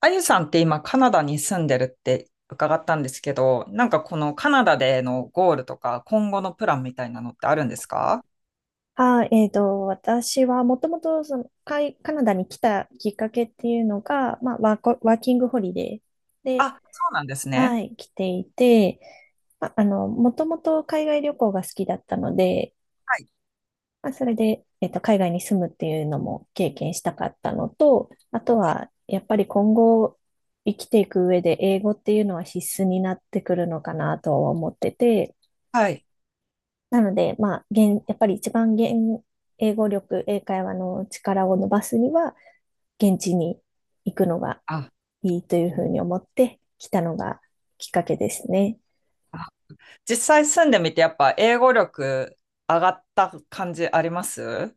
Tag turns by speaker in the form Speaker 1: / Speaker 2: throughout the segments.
Speaker 1: あゆさんって今カナダに住んでるって伺ったんですけど、なんかこのカナダでのゴールとか今後のプランみたいなのってあるんですか？
Speaker 2: あ、私はもともとそのカナダに来たきっかけっていうのが、まあ、ワーキングホリデーで、
Speaker 1: あ、そうなんです
Speaker 2: は
Speaker 1: ね。
Speaker 2: い、来ていて、まあ、もともと海外旅行が好きだったので、まあ、それで、海外に住むっていうのも経験したかったのと、あとは、やっぱり今後生きていく上で英語っていうのは必須になってくるのかなとは思ってて、
Speaker 1: はい。
Speaker 2: なので、まあ、やっぱり一番現、英語力、英会話の力を伸ばすには、現地に行くのが
Speaker 1: あ、
Speaker 2: いいというふうに思って来たのがきっかけですね。
Speaker 1: あ、実際住んでみてやっぱ英語力上がった感じあります？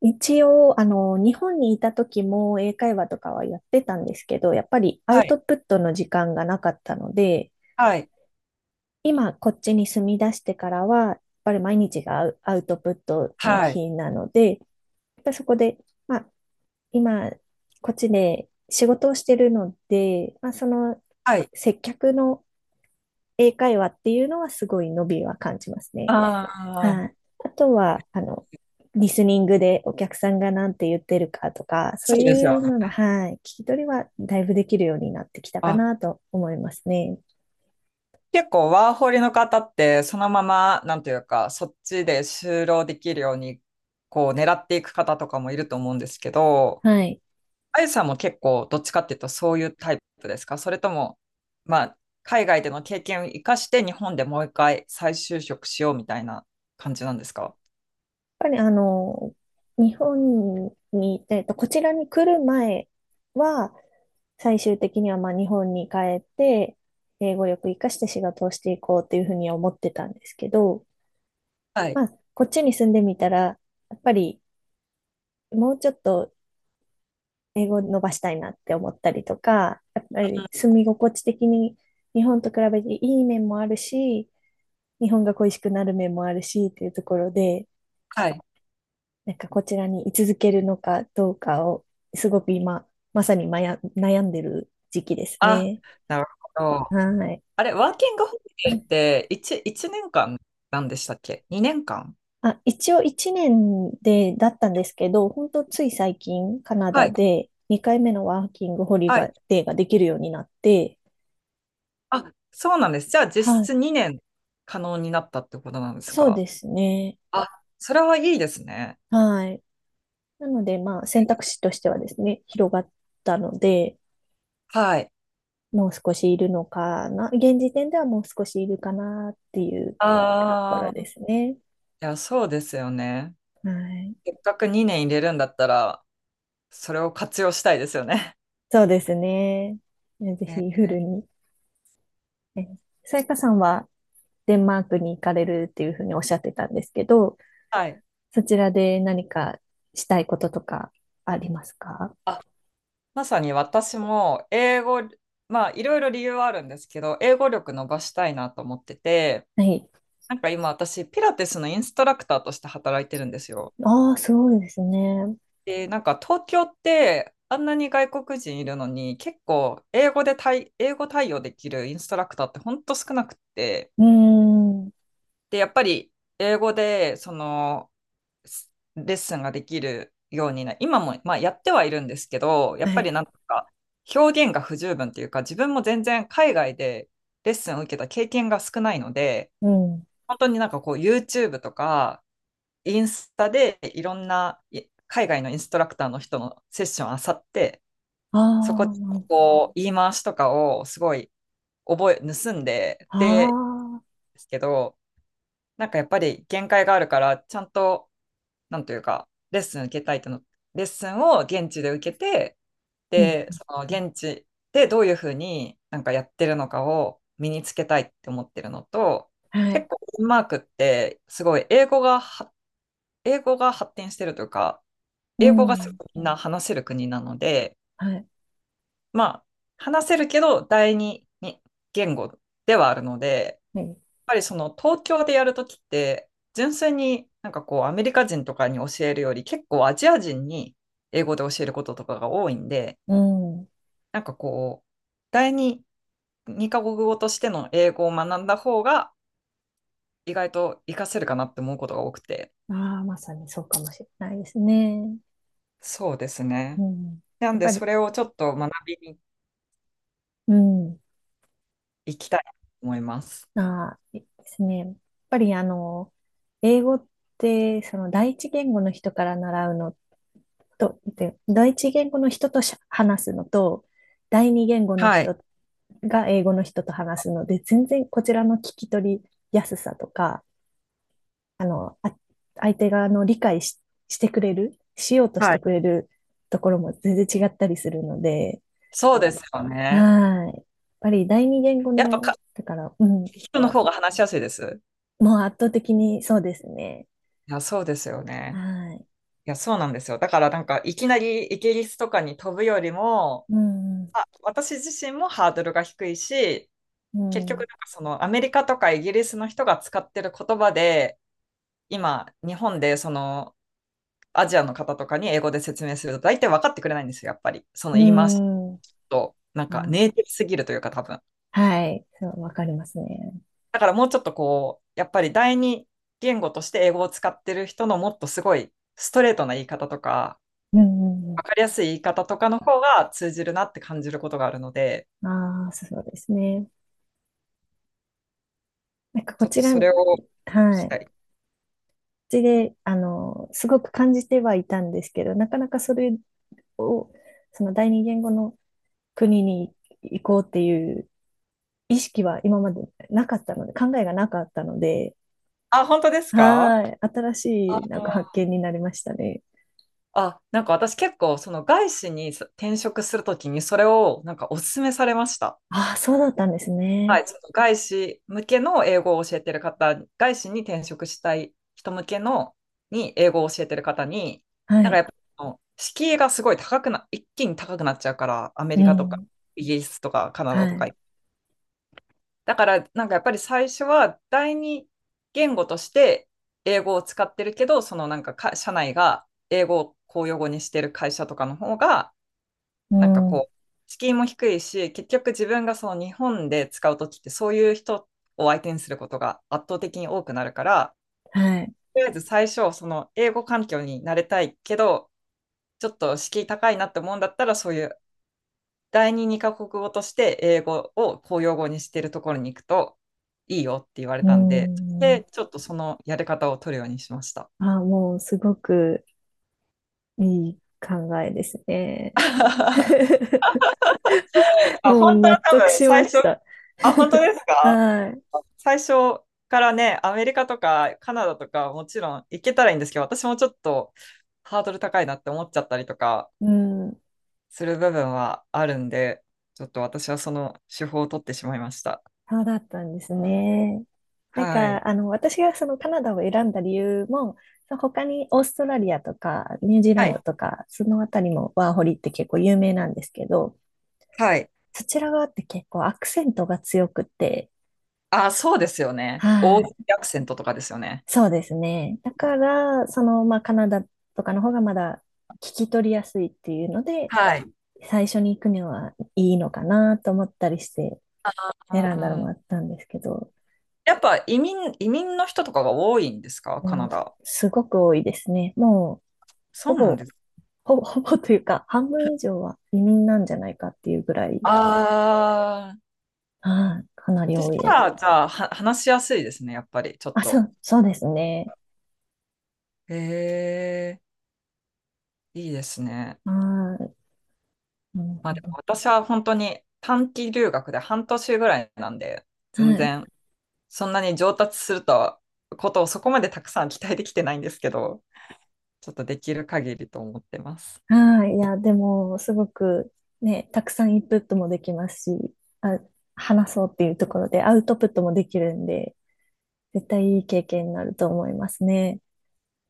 Speaker 2: 一応、日本にいた時も英会話とかはやってたんですけど、やっぱりア
Speaker 1: は
Speaker 2: ウ
Speaker 1: い。
Speaker 2: トプットの時間がなかったので、
Speaker 1: はい。
Speaker 2: 今こっちに住み出してからは、やっぱり毎日がアウトプットの
Speaker 1: はい。
Speaker 2: 日なので、やっぱりそこで、まあ、今、こっちで仕事をしてるので、まあ、その
Speaker 1: はい。
Speaker 2: 接客の英会話っていうのはすごい伸びは感じますね。
Speaker 1: あ
Speaker 2: は
Speaker 1: あ、
Speaker 2: い。あとは、リスニングでお客さんが何て言ってるかとか、そ
Speaker 1: そ
Speaker 2: う
Speaker 1: うです
Speaker 2: い
Speaker 1: よ
Speaker 2: うのの、
Speaker 1: ね。
Speaker 2: はい、聞き取りはだいぶできるようになってきたか
Speaker 1: あ、
Speaker 2: なと思いますね。
Speaker 1: 結構ワーホリの方ってそのまま、なんていうか、そっちで就労できるように、こう狙っていく方とかもいると思うんですけど、
Speaker 2: はい。
Speaker 1: あゆさんも結構どっちかっていうとそういうタイプですか？それとも、まあ、海外での経験を生かして日本でもう一回再就職しようみたいな感じなんですか？
Speaker 2: ぱりあの、日本に、こちらに来る前は、最終的にはまあ日本に帰って、英語力活かして仕事をしていこうというふうに思ってたんですけど、
Speaker 1: はい。
Speaker 2: まあ、こっちに住んでみたら、やっぱりもうちょっと英語を伸ばしたいなって思ったりとか、やっぱ
Speaker 1: う
Speaker 2: り
Speaker 1: ん。
Speaker 2: 住み心地的に日本と比べていい面もあるし、日本が恋しくなる面もあるしっていうところで、
Speaker 1: はい。
Speaker 2: なんかこちらに居続けるのかどうかを、すごく今、まさにまや悩んでる時期です
Speaker 1: あ、
Speaker 2: ね。
Speaker 1: なるほど。
Speaker 2: はい。
Speaker 1: あれ、ワーキングホリデーって1、一年間なんでしたっけ？ 2 年間？
Speaker 2: あ、一応1年で、だったんですけど、本当つい最近、カナ
Speaker 1: は
Speaker 2: ダ
Speaker 1: い。
Speaker 2: で2回目のワーキングホリ
Speaker 1: はい。
Speaker 2: デーができるようになって、
Speaker 1: あ、そうなんです。じゃあ実
Speaker 2: はい。
Speaker 1: 質2年可能になったってことなんです
Speaker 2: そうで
Speaker 1: か？
Speaker 2: すね。
Speaker 1: あ、それはいいですね。
Speaker 2: はい。なので、まあ、選択肢としてはですね、広がったので、
Speaker 1: はい。
Speaker 2: もう少しいるのかな。現時点ではもう少しいるかなっていうところ
Speaker 1: あ
Speaker 2: で
Speaker 1: あ、
Speaker 2: すね。
Speaker 1: いや、そうですよね。
Speaker 2: はい。
Speaker 1: せっかく2年入れるんだったら、それを活用したいですよね。
Speaker 2: そうですね。ぜ
Speaker 1: え
Speaker 2: ひ
Speaker 1: ー
Speaker 2: フルに。えさやかさんはデンマークに行かれるっていうふうにおっしゃってたんですけど、
Speaker 1: はい。
Speaker 2: そちらで何かしたいこととかありますか？
Speaker 1: あ、まさに私も英語、まあ、いろいろ理由はあるんですけど、英語力伸ばしたいなと思ってて、
Speaker 2: はい。
Speaker 1: なんか今私、ピラティスのインストラクターとして働いてるんですよ。
Speaker 2: ああ、すごいですね。
Speaker 1: で、なんか東京ってあんなに外国人いるのに結構英語対応できるインストラクターってほんと少なくって、
Speaker 2: うーん。
Speaker 1: で、やっぱり英語でそのレッスンができるようにな、今も、まあ、やってはいるんですけど、や
Speaker 2: は
Speaker 1: っぱり
Speaker 2: い。
Speaker 1: なんとか表現が不十分というか、自分も全然海外でレッスンを受けた経験が少ないので、
Speaker 2: うん。
Speaker 1: 本当になんかこう YouTube とかインスタでいろんない海外のインストラクターの人のセッションあさって、
Speaker 2: あ
Speaker 1: そこで
Speaker 2: あ、
Speaker 1: こう言い回しとかをすごい覚え、盗んで、
Speaker 2: あ
Speaker 1: で、
Speaker 2: あ、
Speaker 1: ですけど、なんかやっぱり限界があるから、ちゃんと、なんというか、レッスン受けたいとの、レッスンを現地で受けて、
Speaker 2: うん。
Speaker 1: で、その現地でどういうふうになんかやってるのかを身につけたいって思ってるのと、
Speaker 2: は
Speaker 1: 結
Speaker 2: い。
Speaker 1: 構デンマークってすごい英語が発展してるというか、
Speaker 2: う
Speaker 1: 英語がす
Speaker 2: ん。
Speaker 1: ごいみんな話せる国なので、
Speaker 2: はい。
Speaker 1: まあ、話せるけど、第二に言語ではあるので、やっ
Speaker 2: はい。
Speaker 1: ぱりその東京でやるときって、純粋になんかこう、アメリカ人とかに教えるより、結構アジア人に英語で教えることとかが多いんで、
Speaker 2: うん。
Speaker 1: なんかこう、第二、二カ国語としての英語を学んだ方が、意外と活かせるかなって思うことが多くて。
Speaker 2: ああ、まさにそうかもしれないですね。
Speaker 1: そうです
Speaker 2: う
Speaker 1: ね。
Speaker 2: ん。
Speaker 1: な
Speaker 2: や
Speaker 1: ん
Speaker 2: っ
Speaker 1: で、
Speaker 2: ぱり、
Speaker 1: それをちょっと学びに
Speaker 2: うん。
Speaker 1: 行きたいと思います。
Speaker 2: あー、ですね。やっぱり英語って、その第一言語の人から習うのと、で、第一言語の人と話すのと、第二言語の
Speaker 1: はい。
Speaker 2: 人が英語の人と話すので、全然こちらの聞き取りやすさとか、あの、あ、相手側の理解し、してくれる、しようとし
Speaker 1: は
Speaker 2: て
Speaker 1: い。
Speaker 2: くれるところも全然違ったりするので、
Speaker 1: そうですよね。
Speaker 2: はい。やっぱり第二言語
Speaker 1: やっぱ
Speaker 2: の、
Speaker 1: か
Speaker 2: だから、うん、
Speaker 1: 人の方が話しやすいです。
Speaker 2: もう圧倒的にそうですね。
Speaker 1: いや、そうですよね。
Speaker 2: はい。
Speaker 1: いや、そうなんですよ。だからなんか、いきなりイギリスとかに飛ぶよりも、
Speaker 2: うん、う
Speaker 1: あ、私自身もハードルが低いし、結局な
Speaker 2: ん、う
Speaker 1: んかそのアメリカとかイギリスの人が使ってる言葉で、今、日本でそのアジアの方とかに英語で説明すると大体分かってくれないんですよ、やっぱり。その言い回し
Speaker 2: ん。うん。
Speaker 1: と、なんか
Speaker 2: あ、
Speaker 1: ネイティブすぎるというか多分。
Speaker 2: はい。そう、わかりますね。
Speaker 1: だからもうちょっとこう、やっぱり第二言語として英語を使ってる人のもっとすごいストレートな言い方とか、
Speaker 2: うん、うん、
Speaker 1: わ
Speaker 2: う
Speaker 1: かりやすい言い方とかの方が通じるなって感じることがあるので、
Speaker 2: ん。ああ、そうですね。なんかこ
Speaker 1: ちょっ
Speaker 2: ち
Speaker 1: と
Speaker 2: ら、
Speaker 1: そ
Speaker 2: は
Speaker 1: れ
Speaker 2: い。
Speaker 1: をし
Speaker 2: こ
Speaker 1: た
Speaker 2: っ
Speaker 1: い。
Speaker 2: ちで、すごく感じてはいたんですけど、なかなかそれを、その第二言語の国に行こうっていう意識は今までなかったので、考えがなかったので、
Speaker 1: あ、本当ですか？
Speaker 2: はい。新し
Speaker 1: あ
Speaker 2: い、なんか発見になりましたね。
Speaker 1: あ、なんか私結構その外資に転職するときにそれをなんかお勧めされました。
Speaker 2: ああ、そうだったんです
Speaker 1: は
Speaker 2: ね。
Speaker 1: い、ちょっと外資向けの英語を教えてる方、外資に転職したい人向けのに英語を教えてる方に、
Speaker 2: は
Speaker 1: なんか
Speaker 2: い。
Speaker 1: やっぱあの敷居がすごい高くな、一気に高くなっちゃうから、アメ
Speaker 2: う
Speaker 1: リカとか
Speaker 2: ん。
Speaker 1: イギリスとかカナダ
Speaker 2: は
Speaker 1: とか。
Speaker 2: い。
Speaker 1: だからなんかやっぱり最初は第二言語として英語を使ってるけど、そのなんか社内が英語を公用語にしてる会社とかの方が、
Speaker 2: う
Speaker 1: なんか
Speaker 2: ん、
Speaker 1: こう、敷居も低いし、結局自分がその日本で使うときって、そういう人を相手にすることが圧倒的に多くなるから、
Speaker 2: はい。
Speaker 1: とりあえず最初、その英語環境に慣れたいけど、ちょっと敷居高いなって思うんだったら、そういう二カ国語として英語を公用語にしてるところに行くといいよって言われ
Speaker 2: う
Speaker 1: たんで、で、
Speaker 2: ん。
Speaker 1: ちょっとそのやり方を取るようにしました。
Speaker 2: あ、もうすごくいい考えですね。
Speaker 1: あ、
Speaker 2: もう
Speaker 1: 本当
Speaker 2: 納
Speaker 1: は多
Speaker 2: 得
Speaker 1: 分
Speaker 2: し
Speaker 1: 最
Speaker 2: ま
Speaker 1: 初、
Speaker 2: した。
Speaker 1: あ、本当 ですか？
Speaker 2: はい。
Speaker 1: 最初からね、アメリカとかカナダとかもちろん行けたらいいんですけど、私もちょっとハードル高いなって思っちゃったりとか
Speaker 2: うん。
Speaker 1: する部分はあるんで、ちょっと私はその手法を取ってしまいました。
Speaker 2: そうだったんですね。なん
Speaker 1: はい。
Speaker 2: か、私がそのカナダを選んだ理由も、その他にオーストラリアとかニュージーラ
Speaker 1: は
Speaker 2: ン
Speaker 1: い。
Speaker 2: ドとか、そのあたりもワーホリって結構有名なんですけど、
Speaker 1: はい。
Speaker 2: そちら側って結構アクセントが強くて、
Speaker 1: あ、そうですよね。オー
Speaker 2: は
Speaker 1: ジ
Speaker 2: い。
Speaker 1: ーアクセントとかですよね。
Speaker 2: そうですね。だから、まあ、カナダとかの方がまだ聞き取りやすいっていうので、
Speaker 1: はい。
Speaker 2: 最初に行くにはいいのかなと思ったりして
Speaker 1: あ
Speaker 2: 選んだのもあっ
Speaker 1: ー
Speaker 2: たんですけど、
Speaker 1: やっぱ移民の人とかが多いんですか、カ
Speaker 2: も
Speaker 1: ナ
Speaker 2: う
Speaker 1: ダ。
Speaker 2: すごく多いですね。もうほ
Speaker 1: そうなん
Speaker 2: ぼ、
Speaker 1: ですか。
Speaker 2: ほぼというか、半分以上は移民なんじゃないかっていうぐらい、
Speaker 1: ああ、
Speaker 2: はい、かなり
Speaker 1: そし
Speaker 2: 多い
Speaker 1: た
Speaker 2: です。
Speaker 1: ら、じゃあ、話しやすいですね、やっぱり、ちょっ
Speaker 2: あ、そ
Speaker 1: と。
Speaker 2: う、そうですね。
Speaker 1: へえ。いいですね。
Speaker 2: はい、なる
Speaker 1: まあ
Speaker 2: ほ
Speaker 1: で
Speaker 2: ど。
Speaker 1: も私は本当に短期留学で半年ぐらいなんで、全
Speaker 2: はい。
Speaker 1: 然そんなに上達するとことをそこまでたくさん期待できてないんですけど、ちょっとできる限りと思ってます。
Speaker 2: はい。いや、でも、すごくね、たくさんインプットもできますし、あ、話そうっていうところでアウトプットもできるんで、絶対いい経験になると思いますね。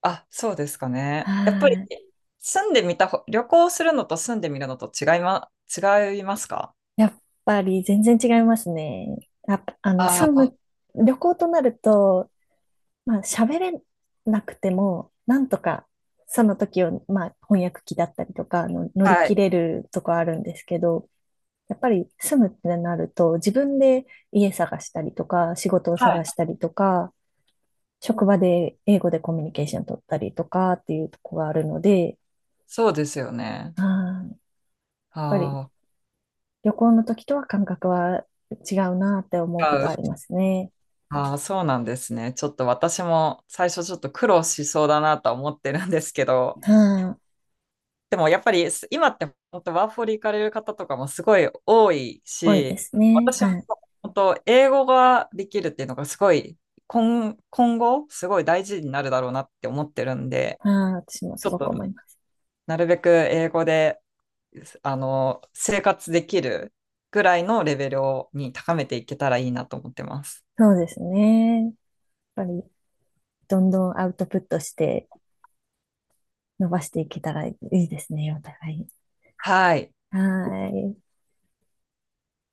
Speaker 1: あ、そうですか
Speaker 2: は
Speaker 1: ね。やっぱり
Speaker 2: い。
Speaker 1: 住んでみたほ、旅行するのと住んでみるのと違いますか？
Speaker 2: やっぱり全然違いますね。やっぱ、
Speaker 1: あ
Speaker 2: 旅行となると、まあ、喋れなくても、なんとか、その時を、まあ、翻訳機だったりとか、乗
Speaker 1: あ、
Speaker 2: り
Speaker 1: は
Speaker 2: 切
Speaker 1: い。
Speaker 2: れるとこあるんですけど、やっぱり住むってなると、自分で家探したりとか、仕事を
Speaker 1: はい。
Speaker 2: 探したりとか、職場で英語でコミュニケーション取ったりとかっていうとこがあるので、
Speaker 1: そうですよね。
Speaker 2: やっぱり
Speaker 1: あ
Speaker 2: 旅行の時とは感覚は違うなって思うこ
Speaker 1: あ、違
Speaker 2: とあり
Speaker 1: う、
Speaker 2: ますね。
Speaker 1: ああ、そうなんですね。ちょっと私も最初ちょっと苦労しそうだなとは思ってるんですけど、
Speaker 2: はい。
Speaker 1: でもやっぱり今って本当ワーホリ行かれる方とかもすごい多い
Speaker 2: 多いで
Speaker 1: し、
Speaker 2: すね。
Speaker 1: 私も
Speaker 2: はい。
Speaker 1: 本当英語ができるっていうのがすごい今後すごい大事になるだろうなって思ってるんで、
Speaker 2: はい。私もす
Speaker 1: ちょっ
Speaker 2: ごく
Speaker 1: と
Speaker 2: 思います。
Speaker 1: なるべく英語であの生活できるぐらいのレベルをに高めていけたらいいなと思ってます。
Speaker 2: そうですね。やっぱりどんどんアウトプットして伸ばしていけたらいいですね、お互い。
Speaker 1: はい。
Speaker 2: はい。